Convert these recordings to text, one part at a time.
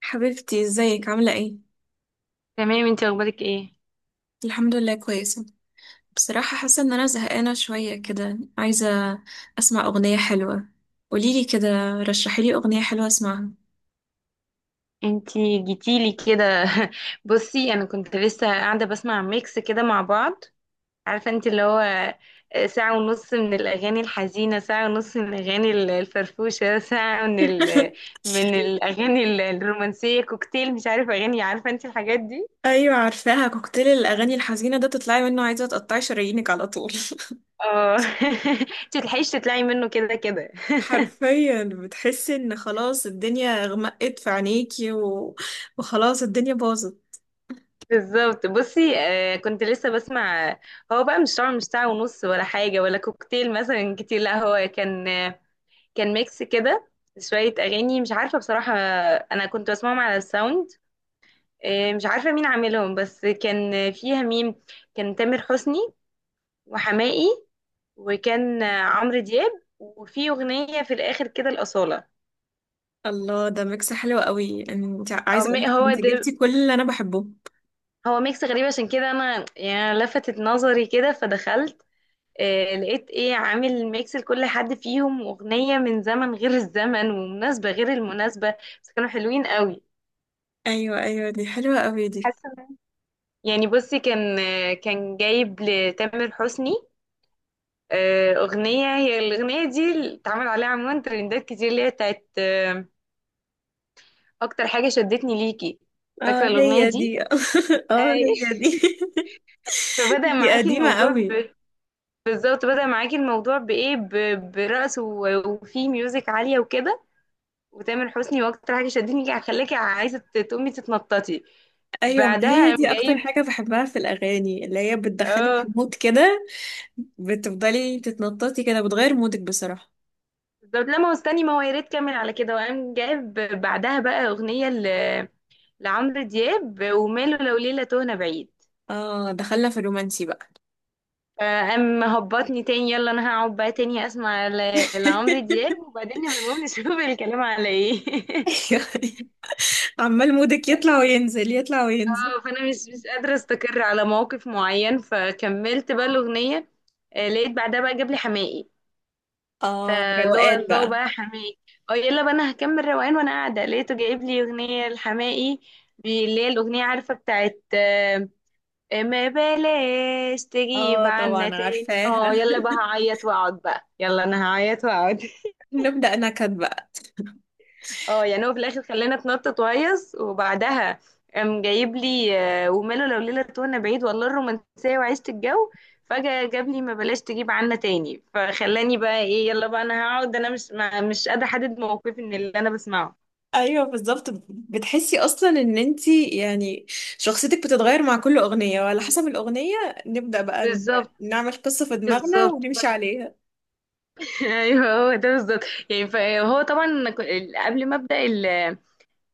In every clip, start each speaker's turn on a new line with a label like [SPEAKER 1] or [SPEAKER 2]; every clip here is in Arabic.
[SPEAKER 1] حبيبتي ازيك عاملة ايه؟
[SPEAKER 2] تمام، انتي اخبارك ايه؟
[SPEAKER 1] الحمد لله كويسة. بصراحة حاسة ان انا زهقانة شوية كده، عايزة اسمع اغنية حلوة. قوليلي كده، رشحيلي اغنية حلوة اسمعها.
[SPEAKER 2] انتي جيتيلي كده. بصي، انا كنت لسه قاعده بسمع ميكس كده مع بعض. عارفه انت اللي هو، ساعه ونص من الاغاني الحزينه، ساعه ونص من الاغاني الفرفوشه. ساعه من الاغاني الرومانسيه، كوكتيل، مش عارفه اغاني، عارفه انت الحاجات دي.
[SPEAKER 1] ايوه عارفاها، كوكتيل الاغاني الحزينة ده تطلعي منه عايزة تقطعي شرايينك على طول.
[SPEAKER 2] اه. انت تلحقيش تطلعي منه كده كده.
[SPEAKER 1] حرفيا بتحسي ان خلاص الدنيا غمقت في عينيكي وخلاص الدنيا باظت.
[SPEAKER 2] بالظبط، بصي، كنت لسه بسمع. هو بقى مش طبعا، مش ساعة ونص ولا حاجة ولا كوكتيل مثلا كتير، لا هو كان ميكس كده. شوية أغاني، مش عارفة بصراحة. أنا كنت بسمعهم على الساوند. مش عارفة مين عاملهم، بس كان فيها مين، كان تامر حسني وحماقي، وكان عمرو دياب، وفي أغنية في الآخر كده الأصالة.
[SPEAKER 1] الله، ده ميكس حلو قوي، انت
[SPEAKER 2] أو
[SPEAKER 1] عايزة اقولك
[SPEAKER 2] هو
[SPEAKER 1] انت
[SPEAKER 2] ده.
[SPEAKER 1] جبتي كل اللي انا بحبه.
[SPEAKER 2] هو ميكس غريب عشان كده، أنا يعني لفتت نظري كده فدخلت. لقيت إيه، عامل ميكس لكل حد فيهم أغنية من زمن غير الزمن ومناسبة غير المناسبة. بس كانوا حلوين قوي.
[SPEAKER 1] ايوه ايوه، دي حلوة قوي دي.
[SPEAKER 2] حاسة يعني، بصي، كان جايب لتامر حسني. أغنية، هي الأغنية دي اللي اتعمل عليها عموما ترندات كتير، اللي هي بتاعت أكتر حاجة شدتني ليكي. فاكرة
[SPEAKER 1] اه
[SPEAKER 2] الأغنية
[SPEAKER 1] هي
[SPEAKER 2] دي؟
[SPEAKER 1] دي. اه
[SPEAKER 2] أي.
[SPEAKER 1] هي دي.
[SPEAKER 2] فبدأ
[SPEAKER 1] دي
[SPEAKER 2] معاكي
[SPEAKER 1] قديمة
[SPEAKER 2] الموضوع
[SPEAKER 1] قوي.
[SPEAKER 2] ب... بالظبط، بدأ معاكي الموضوع بإيه. برقص وفي ميوزك عالية وكده، وتامر حسني، وأكتر حاجة شدتني ليكي خلاكي عايزة تقومي تتنططي.
[SPEAKER 1] ايوه ما هي
[SPEAKER 2] بعدها قام
[SPEAKER 1] دي اكتر
[SPEAKER 2] جايب.
[SPEAKER 1] حاجة بحبها في الاغاني، اللي هي بتدخلك في
[SPEAKER 2] اه،
[SPEAKER 1] مود كده، بتفضلي تتنططي كده، بتغير مودك بصراحة.
[SPEAKER 2] بالظبط. لا ما هو استني، ما هو يا ريت كمل على كده، وقام جايب بعدها بقى اغنيه لعمرو دياب، وماله لو ليله تهنا بعيد.
[SPEAKER 1] اه دخلنا في الرومانسي بقى.
[SPEAKER 2] فقام مهبطني تاني. يلا انا هقعد بقى تاني اسمع لعمرو دياب، وبعدين نبقى نقوم نشوف الكلام على ايه.
[SPEAKER 1] ايوه، عمال مودك يطلع وينزل، يطلع وينزل.
[SPEAKER 2] اه، فانا مش قادره استقر على موقف معين، فكملت بقى الاغنيه. لقيت بعدها بقى جاب لي حماقي.
[SPEAKER 1] اه
[SPEAKER 2] فاللي هو
[SPEAKER 1] روقان
[SPEAKER 2] الله
[SPEAKER 1] بقى.
[SPEAKER 2] بقى، حماقي. اه، يلا بقى انا هكمل روقان، وانا قاعده لقيته جايب لي اغنيه لحماقي. اللي هي الاغنيه عارفه بتاعت ما بلاش تجيب
[SPEAKER 1] اه
[SPEAKER 2] عنا
[SPEAKER 1] طبعا
[SPEAKER 2] تاني.
[SPEAKER 1] عارفاها.
[SPEAKER 2] اه، يلا بقى هعيط واقعد بقى، يلا انا هعيط واقعد.
[SPEAKER 1] نبدأ نكد بقى.
[SPEAKER 2] اه، يعني هو في الاخر خلاني اتنطط وهيص، وبعدها قام جايب لي وماله لو ليلة وانا بعيد. والله الرومانسية وعشت الجو. فجأة جاب لي ما بلاش تجيب عنا تاني، فخلاني بقى ايه، يلا بقى انا هقعد، انا مش قادرة احدد موقفي من اللي انا بسمعه.
[SPEAKER 1] ايوه بالظبط، بتحسي اصلا ان انتي يعني شخصيتك بتتغير مع كل اغنيه وعلى حسب الاغنيه. نبدا بقى ن-
[SPEAKER 2] بالظبط،
[SPEAKER 1] نعمل قصه في دماغنا
[SPEAKER 2] بالظبط.
[SPEAKER 1] ونمشي عليها.
[SPEAKER 2] ايوه، هو ده بالظبط. يعني فهو طبعا، قبل ما ابدا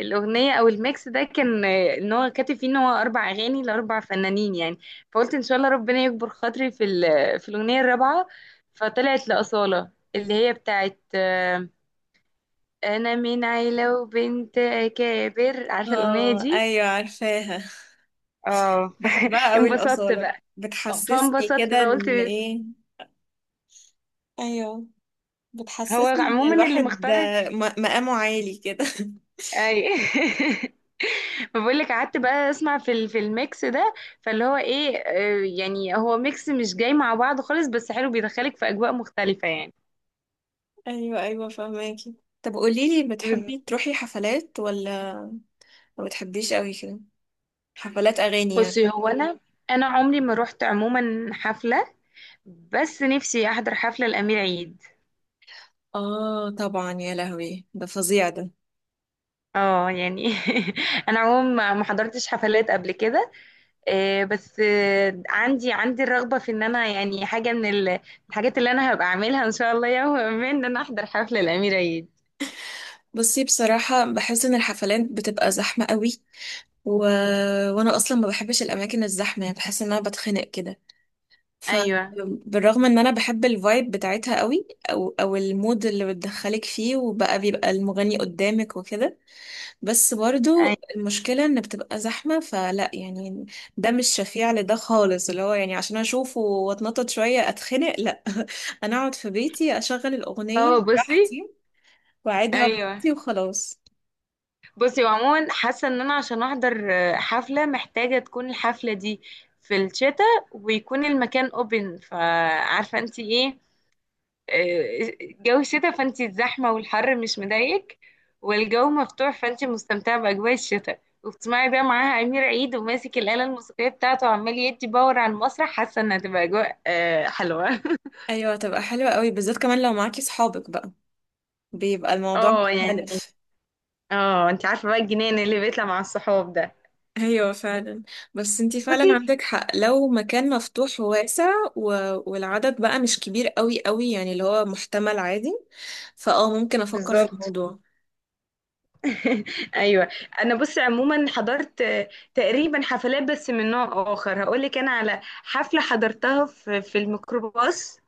[SPEAKER 2] الأغنية أو الميكس ده، كان إن هو كاتب فيه إن هو أربع أغاني لأربع فنانين يعني. فقلت إن شاء الله ربنا يكبر خاطري في الأغنية الرابعة. فطلعت لأصالة، اللي هي بتاعت أنا من عيلة وبنت أكابر. عارفة الأغنية
[SPEAKER 1] اه
[SPEAKER 2] دي؟
[SPEAKER 1] ايوه عارفاها.
[SPEAKER 2] اه.
[SPEAKER 1] بحبها قوي
[SPEAKER 2] انبسطت
[SPEAKER 1] الاصاله،
[SPEAKER 2] بقى.
[SPEAKER 1] بتحسسني
[SPEAKER 2] فانبسطت
[SPEAKER 1] كده
[SPEAKER 2] بقى، قلت
[SPEAKER 1] ان ايه. ايوه
[SPEAKER 2] هو
[SPEAKER 1] بتحسسني ان
[SPEAKER 2] عموما اللي
[SPEAKER 1] الواحد ده
[SPEAKER 2] مختار.
[SPEAKER 1] مقامه عالي كده.
[SPEAKER 2] أي. فبقول لك، قعدت بقى اسمع في الميكس ده. فاللي هو ايه، يعني هو ميكس مش جاي مع بعض خالص، بس حلو بيدخلك في اجواء مختلفة يعني.
[SPEAKER 1] ايوه ايوه فهماكي. طب قوليلي،
[SPEAKER 2] بز-
[SPEAKER 1] بتحبي تروحي حفلات ولا ما بتحبيش قوي كده؟ حفلات اغاني يعني.
[SPEAKER 2] بصي، هو انا عمري ما رحت عموما حفلة. بس نفسي احضر حفلة الامير عيد.
[SPEAKER 1] اه طبعا، يا لهوي ده فظيع ده.
[SPEAKER 2] اه يعني. انا عموما ما حضرتش حفلات قبل كده. بس عندي الرغبة في ان انا يعني حاجة من الحاجات اللي انا هبقى اعملها ان شاء الله، يوم ما ان انا احضر حفلة الامير عيد.
[SPEAKER 1] بصي بصراحة بحس ان الحفلات بتبقى زحمة قوي، و... وانا اصلا ما بحبش الاماكن الزحمة، يعني بحس ان انا بتخنق كده.
[SPEAKER 2] ايوه،
[SPEAKER 1] فبالرغم ان انا بحب الفايب بتاعتها قوي، او او المود اللي بتدخلك فيه، وبقى بيبقى المغني قدامك وكده، بس برضو المشكلة ان بتبقى زحمة، فلا يعني ده مش شفيع لده خالص، اللي هو يعني عشان اشوفه واتنطط شوية اتخنق، لا. انا اقعد في بيتي اشغل
[SPEAKER 2] اه،
[SPEAKER 1] الاغنية
[SPEAKER 2] بصي.
[SPEAKER 1] براحتي واعدها
[SPEAKER 2] ايوه،
[SPEAKER 1] بنفسي وخلاص.
[SPEAKER 2] بصي، وعموما حاسه ان انا عشان احضر حفله، محتاجه تكون الحفله دي في الشتاء ويكون المكان اوبن، فعارفه انت ايه. جو الشتاء، فانت الزحمه والحر مش مضايقك، والجو مفتوح، فانت مستمتعه باجواء الشتاء، وبتسمعي بقى معاها امير عيد، وماسك الاله الموسيقيه بتاعته وعمال يدي باور على المسرح. حاسه انها هتبقى اجواء حلوه.
[SPEAKER 1] ايوه هتبقى حلوة قوي، بالذات كمان لو معاكي صحابك بقى بيبقى الموضوع
[SPEAKER 2] اه يعني.
[SPEAKER 1] مختلف.
[SPEAKER 2] اه، انت عارفه بقى الجنان اللي بيطلع مع الصحاب ده.
[SPEAKER 1] ايوه فعلا. بس انتي
[SPEAKER 2] بصي،
[SPEAKER 1] فعلا عندك حق، لو مكان مفتوح وواسع و... والعدد بقى مش كبير قوي قوي، يعني اللي هو محتمل عادي، فاه ممكن افكر في
[SPEAKER 2] بالظبط.
[SPEAKER 1] الموضوع.
[SPEAKER 2] ايوه. انا بص، عموما حضرت تقريبا حفلات بس من نوع اخر. هقول لك انا على حفله حضرتها في الميكروباص.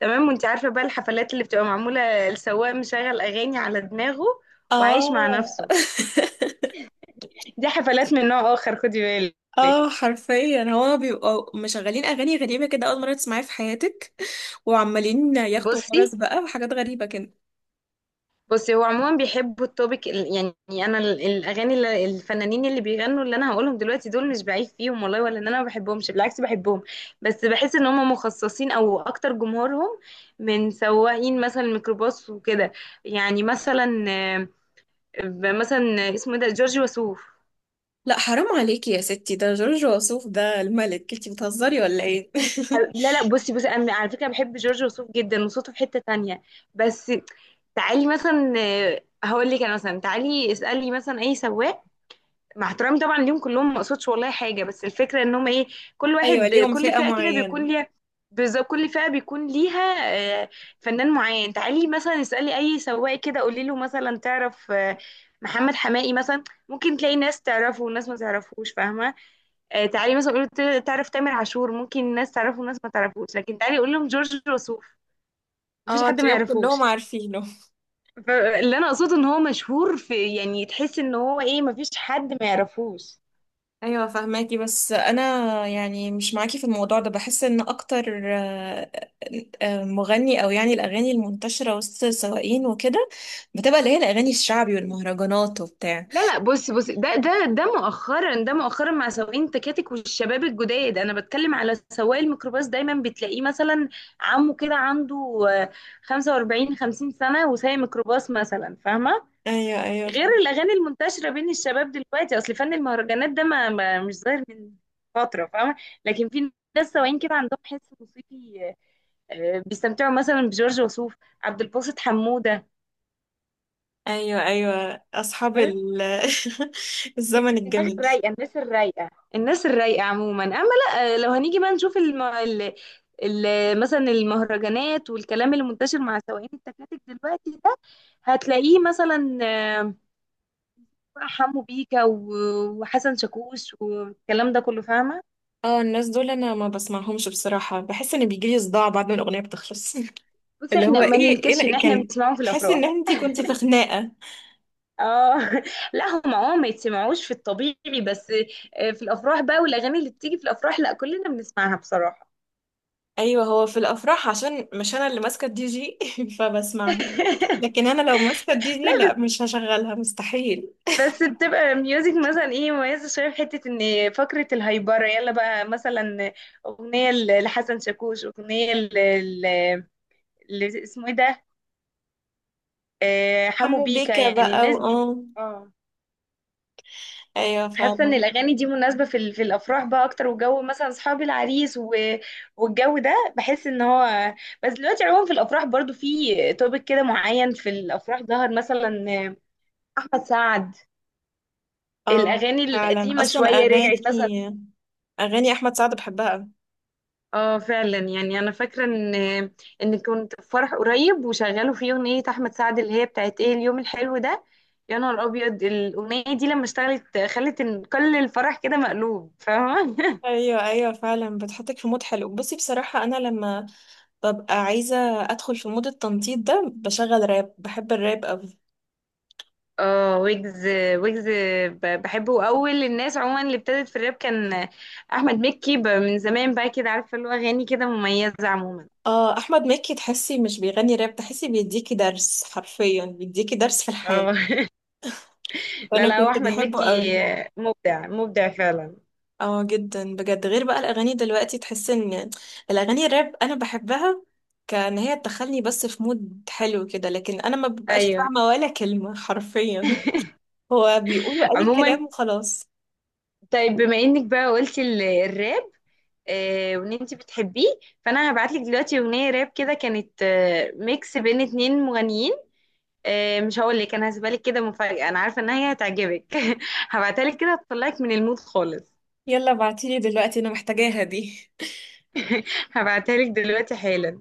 [SPEAKER 2] تمام، وانت عارفه بقى الحفلات اللي بتبقى معموله السواق مشغل اغاني على دماغه وعايش مع
[SPEAKER 1] اه.
[SPEAKER 2] نفسه. دي حفلات من نوع اخر، خدي
[SPEAKER 1] اه
[SPEAKER 2] بالك.
[SPEAKER 1] حرفيا هو بيبقوا مشغلين اغاني غريبة كده، اول مرة تسمعيها في حياتك، وعمالين ياخدوا
[SPEAKER 2] بصي
[SPEAKER 1] فرص بقى وحاجات غريبة كده.
[SPEAKER 2] بصي هو عموما بيحبوا التوبيك، يعني انا الاغاني اللي الفنانين اللي بيغنوا اللي انا هقولهم دلوقتي دول مش بعيب فيهم والله، ولا ان انا ما بحبهمش، بالعكس بحبهم. بس بحس ان هم مخصصين او اكتر جمهورهم من سواقين مثلا الميكروباص وكده. يعني مثلا، اسمه إيه ده، جورج وسوف.
[SPEAKER 1] لا حرام عليكي يا ستي، ده جورج وسوف، ده الملك، انتي بتهزري ولا ايه؟
[SPEAKER 2] لا، لا. بصي، انا على فكره بحب جورج وسوف جدا وصوته في حته تانية، بس تعالي مثلا، هقول لك انا مثلا، تعالي اسالي مثلا اي سواق، مع احترامي طبعا ليهم كلهم، ما اقصدش والله حاجه، بس الفكره ان هم ايه، كل
[SPEAKER 1] ايوه
[SPEAKER 2] واحد
[SPEAKER 1] ليهم
[SPEAKER 2] كل
[SPEAKER 1] فئة
[SPEAKER 2] فئه كده
[SPEAKER 1] معينة.
[SPEAKER 2] بيكون ليها. بالظبط، كل فئه بيكون ليها آه، فنان معين. تعالي مثلا اسالي اي سواق كده قولي له مثلا تعرف محمد حماقي مثلا، ممكن تلاقي ناس تعرفه وناس ما تعرفوش، فاهمه. تعالي مثلا قولي له تعرف تامر عاشور، ممكن ناس تعرفه وناس ما تعرفوش، لكن تعالي قول لهم جورج وسوف، مفيش
[SPEAKER 1] اه
[SPEAKER 2] حد ما
[SPEAKER 1] تلاقيهم كلهم
[SPEAKER 2] يعرفوش.
[SPEAKER 1] عارفينه.
[SPEAKER 2] فاللي انا اقصده ان هو مشهور في، يعني تحس ان هو ايه، مفيش حد ما يعرفوش.
[SPEAKER 1] ايوه فهماكي، بس انا يعني مش معاكي في الموضوع ده. بحس ان اكتر مغني او يعني الاغاني المنتشرة وسط السواقين وكده بتبقى اللي هي الاغاني الشعبي والمهرجانات وبتاع.
[SPEAKER 2] لا، لا. بص، ده مؤخرا، ده مؤخرا مع سواقين التكاتك والشباب الجداد. انا بتكلم على سواق الميكروباص، دايما بتلاقيه مثلا عمه كده عنده آه، 45 50 سنة وسايق ميكروباص مثلا، فاهمة.
[SPEAKER 1] ايوه
[SPEAKER 2] غير
[SPEAKER 1] ايوه
[SPEAKER 2] الاغاني المنتشرة بين الشباب دلوقتي، اصل فن المهرجانات ده ما, ما مش ظاهر من فترة، فاهمة. لكن في ناس سواقين كده عندهم حس موسيقي، بيستمتعوا مثلا بجورج وسوف، عبد الباسط حمودة،
[SPEAKER 1] ايوه ايوه. اصحاب ال- الزمن
[SPEAKER 2] الدماغ
[SPEAKER 1] الجميل.
[SPEAKER 2] الرايقه، الناس الرايقه، الناس الرايقة عموما. اما لا، لو هنيجي بقى نشوف مثلا المهرجانات والكلام اللي منتشر مع سواقين التكاتك دلوقتي ده، هتلاقيه مثلا، حمو بيكا وحسن شاكوش والكلام ده كله، فاهمة.
[SPEAKER 1] اه الناس دول انا ما بسمعهمش بصراحة، بحس ان بيجيلي صداع بعد ما الأغنية بتخلص.
[SPEAKER 2] بس
[SPEAKER 1] اللي هو
[SPEAKER 2] احنا ما
[SPEAKER 1] ايه ايه
[SPEAKER 2] ننكرش ان احنا
[SPEAKER 1] كان
[SPEAKER 2] بنسمعهم في
[SPEAKER 1] بحس ان
[SPEAKER 2] الافراح.
[SPEAKER 1] انتي كنتي في خناقة.
[SPEAKER 2] اه. لا، هم ما يتسمعوش في الطبيعي، بس في الافراح بقى، والاغاني اللي بتيجي في الافراح، لا كلنا بنسمعها بصراحة.
[SPEAKER 1] ايوه هو في الافراح عشان مش انا اللي ماسكة الدي جي. فبسمعها. لكن انا لو ماسكة الدي جي لا، مش هشغلها مستحيل.
[SPEAKER 2] بس بتبقى ميوزك مثلا ايه، مميزة شوية، في حتة ان فقرة الهايبرة، يلا بقى مثلا اغنية لحسن شاكوش، اغنية ل- اسمه ايه ده، حمو
[SPEAKER 1] حمو
[SPEAKER 2] بيكا
[SPEAKER 1] بيكا
[SPEAKER 2] يعني،
[SPEAKER 1] بقى،
[SPEAKER 2] الناس دي.
[SPEAKER 1] واه.
[SPEAKER 2] اه،
[SPEAKER 1] ايوه
[SPEAKER 2] حاسة
[SPEAKER 1] فعلا.
[SPEAKER 2] ان الاغاني دي مناسبة في الافراح بقى اكتر، وجو مثلا اصحاب العريس والجو ده، بحس ان هو، بس دلوقتي عموما في الافراح برضو في توبك كده معين، في الافراح ظهر مثلا احمد سعد،
[SPEAKER 1] اه
[SPEAKER 2] الاغاني
[SPEAKER 1] فعلا،
[SPEAKER 2] القديمة
[SPEAKER 1] اصلا
[SPEAKER 2] شوية
[SPEAKER 1] اغاني،
[SPEAKER 2] رجعت مثلا.
[SPEAKER 1] اغاني احمد سعد بحبها أوي.
[SPEAKER 2] اه، فعلا يعني، انا فاكره ان كنت في فرح قريب وشغلوا فيه اغنيه احمد سعد اللي هي بتاعت ايه، اليوم الحلو ده، يا نهار ابيض. الاغنيه دي لما اشتغلت خلت إن كل الفرح كده مقلوب، فاهمه.
[SPEAKER 1] ايوه ايوه فعلا، بتحطك في مود حلو. بصي بصراحة انا لما ببقى عايزة أدخل في مود التنطيط ده بشغل راب، بحب الراب أوي.
[SPEAKER 2] اه، ويجز، ويجز. بحبه. اول الناس عموما اللي ابتدت في الراب كان احمد مكي، من زمان بقى كده، عارفه اللي هو اغاني كده مميزه عموما.
[SPEAKER 1] اه أحمد مكي، تحسي مش بيغني راب، تحسي بيديكي درس، حرفيا بيديكي درس في الحياة.
[SPEAKER 2] اه. لا،
[SPEAKER 1] وأنا
[SPEAKER 2] لا، هو
[SPEAKER 1] كنت
[SPEAKER 2] احمد
[SPEAKER 1] بحبه
[SPEAKER 2] مكي
[SPEAKER 1] أوي.
[SPEAKER 2] مبدع، مبدع فعلا.
[SPEAKER 1] اه جدا بجد، غير بقى الأغاني دلوقتي. تحس إن الأغاني الراب أنا بحبها، كان هي تدخلني بس في مود حلو كده، لكن أنا ما ببقاش
[SPEAKER 2] ايوه
[SPEAKER 1] فاهمة ولا كلمة. حرفيا هو بيقولوا أي
[SPEAKER 2] عموما.
[SPEAKER 1] كلام وخلاص.
[SPEAKER 2] طيب، بما انك بقى قلتي الراب، وان انت بتحبيه، فانا هبعتلك دلوقتي اغنيه راب كده، كانت ميكس بين اتنين مغنيين. مش هقول لك انا، هسيبها لك كده مفاجاه، انا عارفه ان هي هتعجبك. هبعتها لك كده، هتطلعك من المود خالص.
[SPEAKER 1] يلا ابعتيلي دلوقتي، أنا محتاجاها دي.
[SPEAKER 2] هبعتها لك دلوقتي حالا.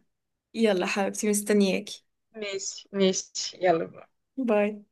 [SPEAKER 1] يلا حبيبتي مستنياكي.
[SPEAKER 2] ماشي، ماشي، يلا.
[SPEAKER 1] باي.